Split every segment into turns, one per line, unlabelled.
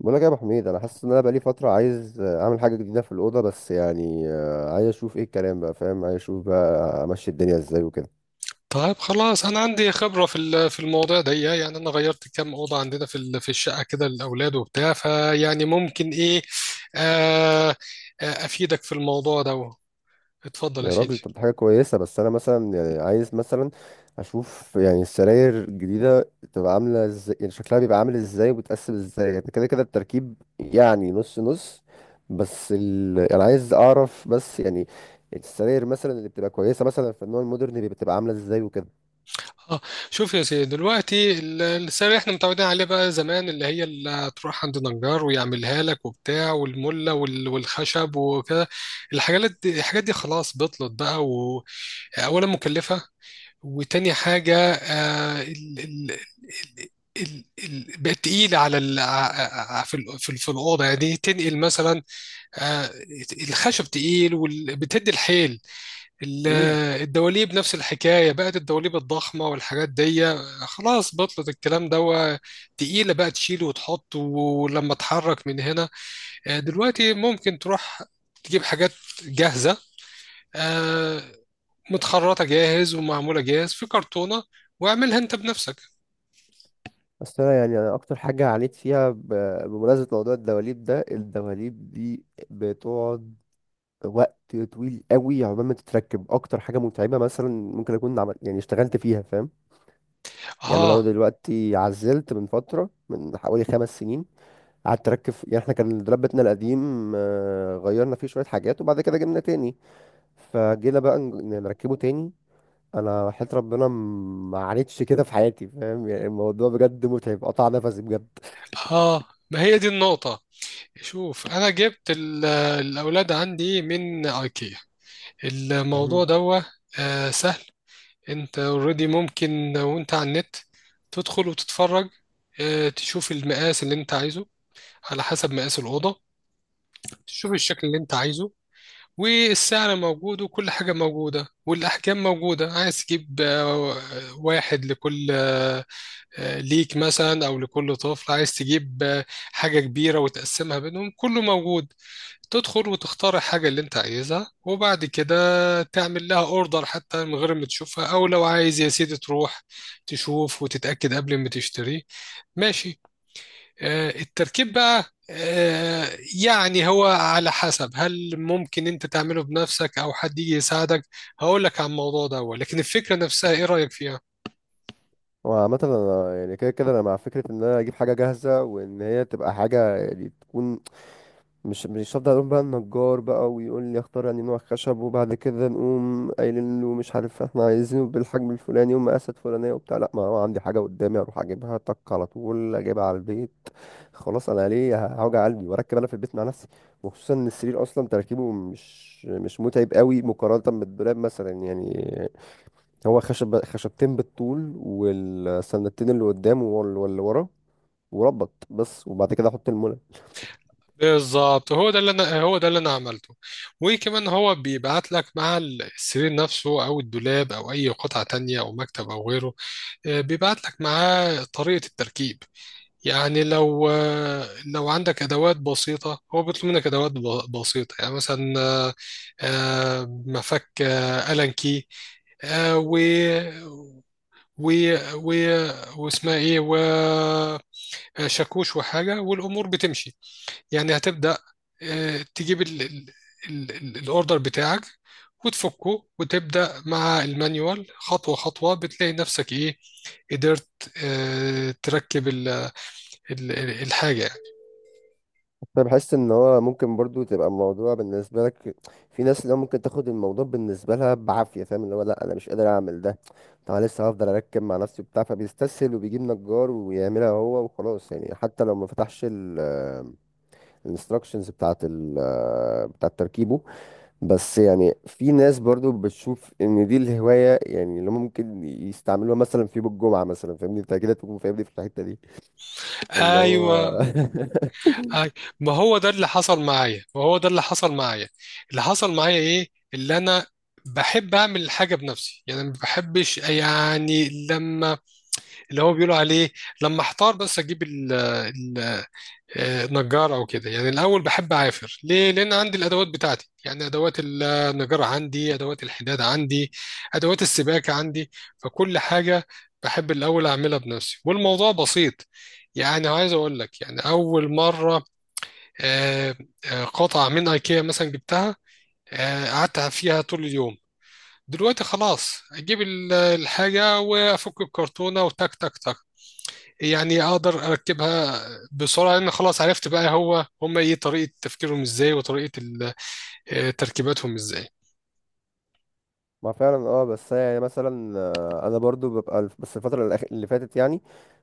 بقول لك يا ابو حميد، انا حاسس ان انا بقالي فتره عايز اعمل حاجه جديده في الاوضه. بس يعني عايز اشوف ايه الكلام، بقى فاهم. عايز اشوف بقى امشي الدنيا ازاي وكده.
طيب خلاص انا عندي خبره في الموضوع ده يعني انا غيرت كام اوضه عندنا في الشقه كده للاولاد وبتاع فيعني ممكن ايه. آه. آه، افيدك في الموضوع ده. اتفضل يا
يا
سيدي.
راجل، طب دي حاجه كويسه. بس انا مثلا يعني عايز مثلا اشوف يعني السراير الجديده تبقى عامله ازاي، يعني شكلها بيبقى عامل ازاي وبتقسم ازاي، يعني كده كده التركيب، يعني نص نص. انا عايز اعرف بس يعني السراير مثلا اللي بتبقى كويسه مثلا في النوع المودرن بتبقى عامله ازاي وكده.
اه، شوف يا سيدي دلوقتي السعر اللي احنا متعودين عليه بقى زمان اللي هي اللي تروح عند نجار ويعملها لك وبتاع والمله والخشب وكده. الحاجات دي الحاجات دي خلاص بطلت بقى. واولا مكلفه. وتاني حاجة، ال بقت تقيلة على ال ع- ع- في ال في, ال في الأوضة يعني تنقل مثلا. آه، الخشب تقيل وبتدي الحيل. ال- الدواليب نفس الحكاية، بقت الدواليب الضخمة والحاجات دي خلاص بطلت الكلام ده. تقيلة بقى، تشيل وتحط ولما تحرك من هنا. دلوقتي ممكن تروح تجيب حاجات جاهزة، آه، متخرطة جاهز ومعمولة جاهز في كرتونة واعملها انت بنفسك.
بس انا يعني أنا اكتر حاجه عانيت فيها بمناسبه موضوع الدواليب ده، الدواليب دي بتقعد وقت طويل قوي عقبال ما تتركب. اكتر حاجه متعبه مثلا ممكن اكون عمل، يعني اشتغلت فيها، فاهم. يعني لو
اه
دلوقتي عزلت من فتره، من حوالي 5 سنين قعدت اركب. يعني احنا كان الدولاب بتاعنا القديم، غيرنا فيه شويه حاجات، وبعد كده جبنا تاني، فجينا بقى نركبه تاني. انا وحياة ربنا ما عانيتش كده في حياتي، فاهم. يعني الموضوع بجد متعب، قطع نفسي بجد.
اه، ما هي دي النقطة. شوف، انا جبت الاولاد عندي من ايكيا. الموضوع ده آه سهل. انت اوريدي ممكن وانت على النت تدخل وتتفرج، آه تشوف المقاس اللي انت عايزه على حسب مقاس الأوضة، تشوف الشكل اللي انت عايزه، والسعر موجود وكل حاجة موجودة والأحجام موجودة. عايز تجيب واحد لكل ليك مثلا، او لكل طفل عايز تجيب حاجه كبيره وتقسمها بينهم، كله موجود. تدخل وتختار الحاجه اللي انت عايزها وبعد كده تعمل لها اوردر حتى من غير ما تشوفها، او لو عايز يا سيدي تروح تشوف وتتاكد قبل ما تشتري. ماشي. التركيب بقى، يعني هو على حسب، هل ممكن انت تعمله بنفسك او حد يجي يساعدك. هقول لك عن الموضوع ده، لكن الفكره نفسها ايه رايك فيها؟
وعامة أنا يعني كده كده أنا مع فكرة إن أنا أجيب حاجة جاهزة، وإن هي تبقى حاجة يعني تكون. مش هفضل أقول بقى النجار بقى ويقول لي اختار يعني نوع خشب، وبعد كده نقوم قايلين له مش عارف، إحنا عايزينه بالحجم الفلاني ومقاسات فلانية وبتاع. لأ، ما هو عندي حاجة قدامي أروح أجيبها طق على طول، أجيبها على البيت. خلاص أنا ليه هوجع قلبي وأركب أنا في البيت مع نفسي؟ وخصوصا إن السرير أصلا تركيبه مش متعب قوي مقارنة بالدولاب مثلا. يعني هو خشب، خشبتين بالطول والسندتين اللي قدام واللي ورا، وربط بس، وبعد كده احط المولد.
بالظبط، هو ده اللي انا عملته. وكمان هو بيبعت لك مع السرير نفسه او الدولاب او اي قطعه تانية او مكتب او غيره، بيبعت لك معاه طريقه التركيب. يعني لو عندك ادوات بسيطه، هو بيطلب منك ادوات بسيطه، يعني مثلا، مفك، الان كي، آه، و و و واسمها ايه، وشاكوش وحاجه، والامور بتمشي. يعني هتبدأ، تجيب الاوردر بتاعك وتفكه، وتبدأ مع المانيوال خطوة خطوة، بتلاقي نفسك ايه، قدرت تركب الحاجة يعني.
انا بحس ان هو ممكن برضو تبقى الموضوع بالنسبه لك، في ناس اللي هو ممكن تاخد الموضوع بالنسبه لها بعافيه، فاهم، اللي هو لا انا مش قادر اعمل ده. طب أنا لسه هفضل اركب مع نفسي وبتاع، فبيستسهل وبيجيب نجار ويعملها هو وخلاص. يعني حتى لو ما فتحش الانستراكشنز بتاعه ال، بتاعه تركيبه. بس يعني في ناس برضو بتشوف ان دي الهواية، يعني اللي هم ممكن يستعملوها مثلا في يوم الجمعة مثلا. فاهمني انت كده، تكون فاهمني في الحتة دي، فاللي هو
ايوه. أي- ما هو ده اللي حصل معايا ما هو ده اللي حصل معايا. اللي حصل معايا ايه؟ اللي انا بحب اعمل الحاجه بنفسي، يعني ما بحبش يعني لما، اللي هو بيقولوا عليه، لما احتار بس، اجيب ال نجار او كده. يعني الاول بحب اعافر، ليه؟ لان عندي الادوات بتاعتي، يعني ادوات النجار عندي، ادوات الحداد عندي، ادوات السباكه عندي، فكل حاجه بحب الاول اعملها بنفسي، والموضوع بسيط. يعني عايز اقول لك، يعني اول مره، آه، قطعه من ايكيا مثلا جبتها، قعدت فيها طول اليوم. دلوقتي خلاص اجيب الحاجه وافك الكرتونه وتك تك تك، يعني اقدر اركبها بسرعه، لان خلاص عرفت بقى هو هم ايه طريقه تفكيرهم ازاي وطريقه تركيباتهم ازاي.
ما فعلا اه. بس هي يعني مثلا انا برضو ببقى بس الفتره اللي فاتت. يعني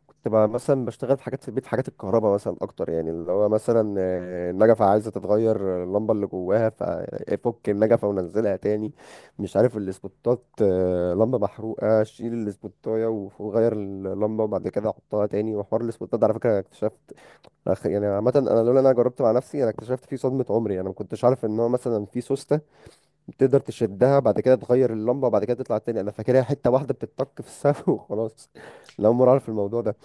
كنت بقى مثلا بشتغل في حاجات في البيت، حاجات الكهرباء مثلا اكتر، يعني اللي هو مثلا النجفه عايزه تتغير اللمبه اللي جواها، ففك النجفه ونزلها تاني. مش عارف الاسبوتات، لمبه محروقه، شيل الاسبوتايه وغير اللمبه وبعد كده حطها تاني. وحوار الاسبوتات ده على فكره أنا اكتشفت يعني عامه انا لولا إن انا جربت مع نفسي انا اكتشفت فيه صدمه. عمري انا ما كنتش عارف ان هو مثلا في سوست تقدر تشدها بعد كده تغير اللمبه بعد كده تطلع تاني. انا فاكرها حته واحده بتتطك في السقف وخلاص. لا عمري اعرف الموضوع ده.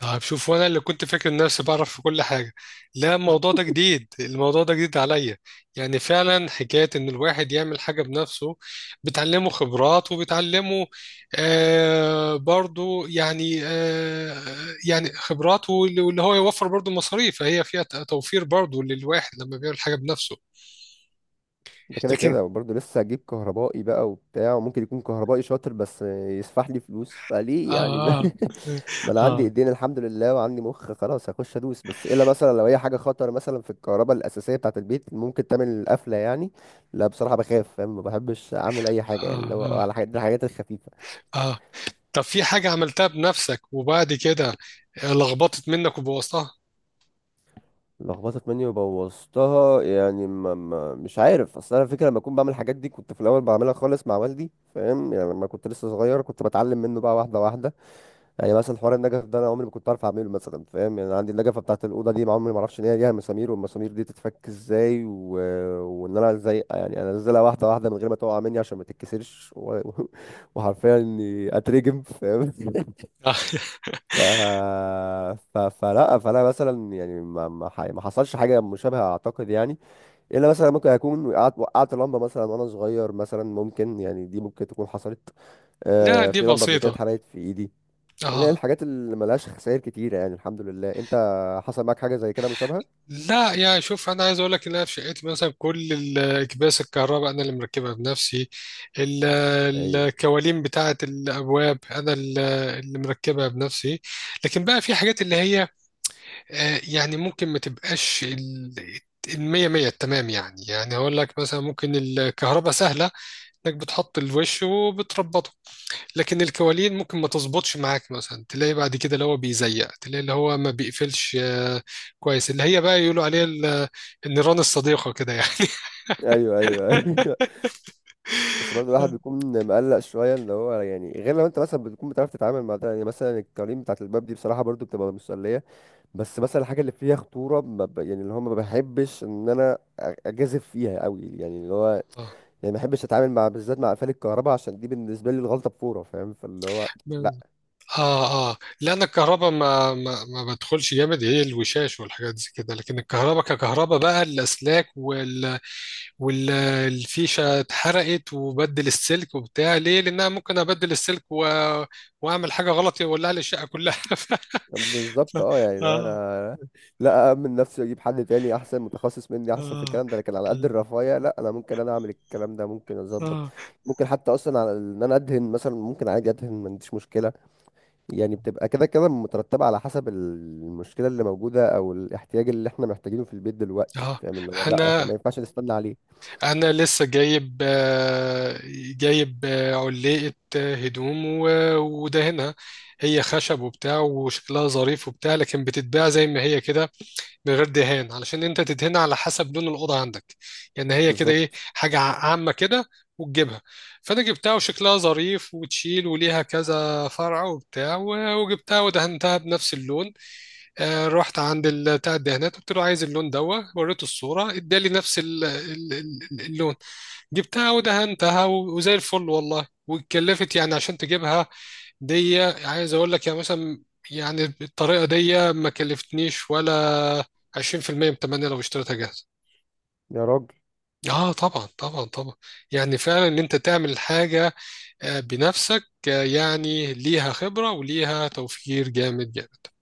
طيب شوف، وانا اللي كنت فاكر نفسي بعرف في كل حاجه، لا الموضوع ده جديد، الموضوع ده جديد عليا. يعني فعلا حكايه ان الواحد يعمل حاجه بنفسه بتعلمه خبرات وبتعلمه، آه برضو يعني آه، يعني خبرات، واللي هو يوفر برضو مصاريف، فهي فيها توفير برضو للواحد لما بيعمل حاجه بنفسه.
ده كده
لكن،
كده برضه لسه هجيب كهربائي بقى وبتاع. وممكن يكون كهربائي شاطر بس يسفح لي فلوس، فليه يعني؟
آه. آه.
ما انا عندي
آه.
ايدين الحمد لله وعندي مخ، خلاص هخش ادوس. بس الا مثلا لو هي حاجه خطر مثلا في الكهرباء الاساسيه بتاعه البيت ممكن تعمل القفله يعني. لا بصراحه بخاف، فاهم، ما بحبش اعمل اي حاجه. يعني لو
آه
على الحاجات الخفيفه.
آه. طب في حاجة عملتها بنفسك وبعد كده لخبطت منك وبوظتها؟
لخبطت مني وبوظتها، يعني ما ما مش عارف. اصل انا فكره لما اكون بعمل الحاجات دي كنت في الاول بعملها خالص مع والدي، فاهم. يعني لما كنت لسه صغير كنت بتعلم منه بقى واحده واحده. يعني مثلا حوار النجف ده انا عمري ما كنت عارف اعمله مثلا، فاهم. يعني أنا عندي النجفه بتاعت الاوضه دي ما عمري ما اعرفش ان هي ليها مسامير، والمسامير دي تتفك ازاي، و... وان انا ازاي يعني انزلها واحده واحده من غير ما تقع مني عشان ما تتكسرش، و... وحرفيا اني اترجم، فاهم.
آه.
ف... فلا، فانا مثلا يعني ما ما, ما حصلش حاجه مشابهه اعتقد يعني. الا مثلا ممكن اكون وقعت لمبه مثلا وانا صغير مثلا، ممكن يعني دي ممكن تكون حصلت.
لا
آه
دي
في لمبه قبل كده
بسيطة.
اتحرقت في ايدي. اللي هي
آه.
الحاجات اللي ملهاش خسائر كتيره، يعني الحمد لله. انت حصل معاك حاجه زي كده مشابهه؟
لا يا شوف، أنا عايز أقول لك إن أنا في شقتي مثلا كل الأكباس الكهرباء أنا اللي مركبها بنفسي. ال-
هايل.
الكوالين بتاعة الأبواب أنا اللي مركبها بنفسي. لكن بقى في حاجات اللي هي يعني ممكن ما تبقاش المية مية التمام. يعني يعني هقول لك، مثلا ممكن الكهرباء سهلة، انك بتحط الوش وبتربطه. لكن الكوالين ممكن ما تظبطش معاك، مثلا تلاقي بعد كده اللي هو بيزيق، تلاقي اللي هو ما بيقفلش كويس، اللي هي بقى يقولوا عليها النيران الصديقة كده يعني.
ايوه ايوه ايوه بس برضه الواحد بيكون مقلق شويه اللي هو، يعني غير لو انت مثلا بتكون بتعرف تتعامل مع ده. يعني مثلا القوانين بتاعت الباب دي بصراحه برضه بتبقى مسليه. بس مثلا الحاجه اللي فيها خطوره ما ب... يعني اللي هو ما بحبش ان انا اجازف فيها قوي، يعني اللي هو يعني ما بحبش اتعامل، مع بالذات مع قفل الكهرباء، عشان دي بالنسبه لي الغلطه بفوره، فاهم، فاللي هو لا.
اه اه اه، لان الكهرباء ما بدخلش جامد، هي الوشاش والحاجات دي كده، لكن الكهرباء ككهرباء بقى، الاسلاك والفيشة اتحرقت وبدل السلك وبتاع، ليه؟ لأنها ممكن أبدل السلك و... وأعمل حاجة غلط يولع لي الشقة كلها. ف...
بالظبط اه. يعني لو
آه.
انا لا اامن نفسي واجيب حد تاني احسن متخصص مني، احسن في
آه.
الكلام ده. لكن على قد الرفاهيه لا انا ممكن انا اعمل الكلام ده، ممكن اظبط.
آه.
ممكن حتى اصلا على ان انا ادهن مثلا ممكن عادي ادهن ما عنديش مشكله. يعني بتبقى كده كده مترتبة على حسب المشكلة اللي موجودة أو الاحتياج اللي احنا محتاجينه في البيت دلوقتي،
آه.
فاهم، اللي هو لأ احنا
أنا
ما ينفعش نستنى عليه.
لسه جايب جايب علقة هدوم ودهنها. هي خشب وبتاع وشكلها ظريف وبتاع، لكن بتتباع زي ما هي كده من غير دهان علشان انت تدهنها على حسب لون الاوضه عندك. يعني هي كده ايه،
بالظبط.
حاجه عامه كده، وتجيبها. فانا جبتها وشكلها ظريف وتشيل وليها كذا فرع وبتاع، وجبتها ودهنتها بنفس اللون. آه، رحت عند بتاع الدهانات، قلت له عايز اللون دوا، وريته الصوره ادالي نفس اللون. جبتها ودهنتها، وزي الفل والله. واتكلفت يعني عشان تجيبها، دي عايز اقول لك، يعني مثلا، يعني بالطريقه دي ما كلفتنيش ولا 20% من تمنية لو اشتريتها جاهزه.
يا راجل
اه طبعا طبعا طبعا، يعني فعلا ان انت تعمل حاجه بنفسك، يعني ليها خبره وليها توفير جامد جامد.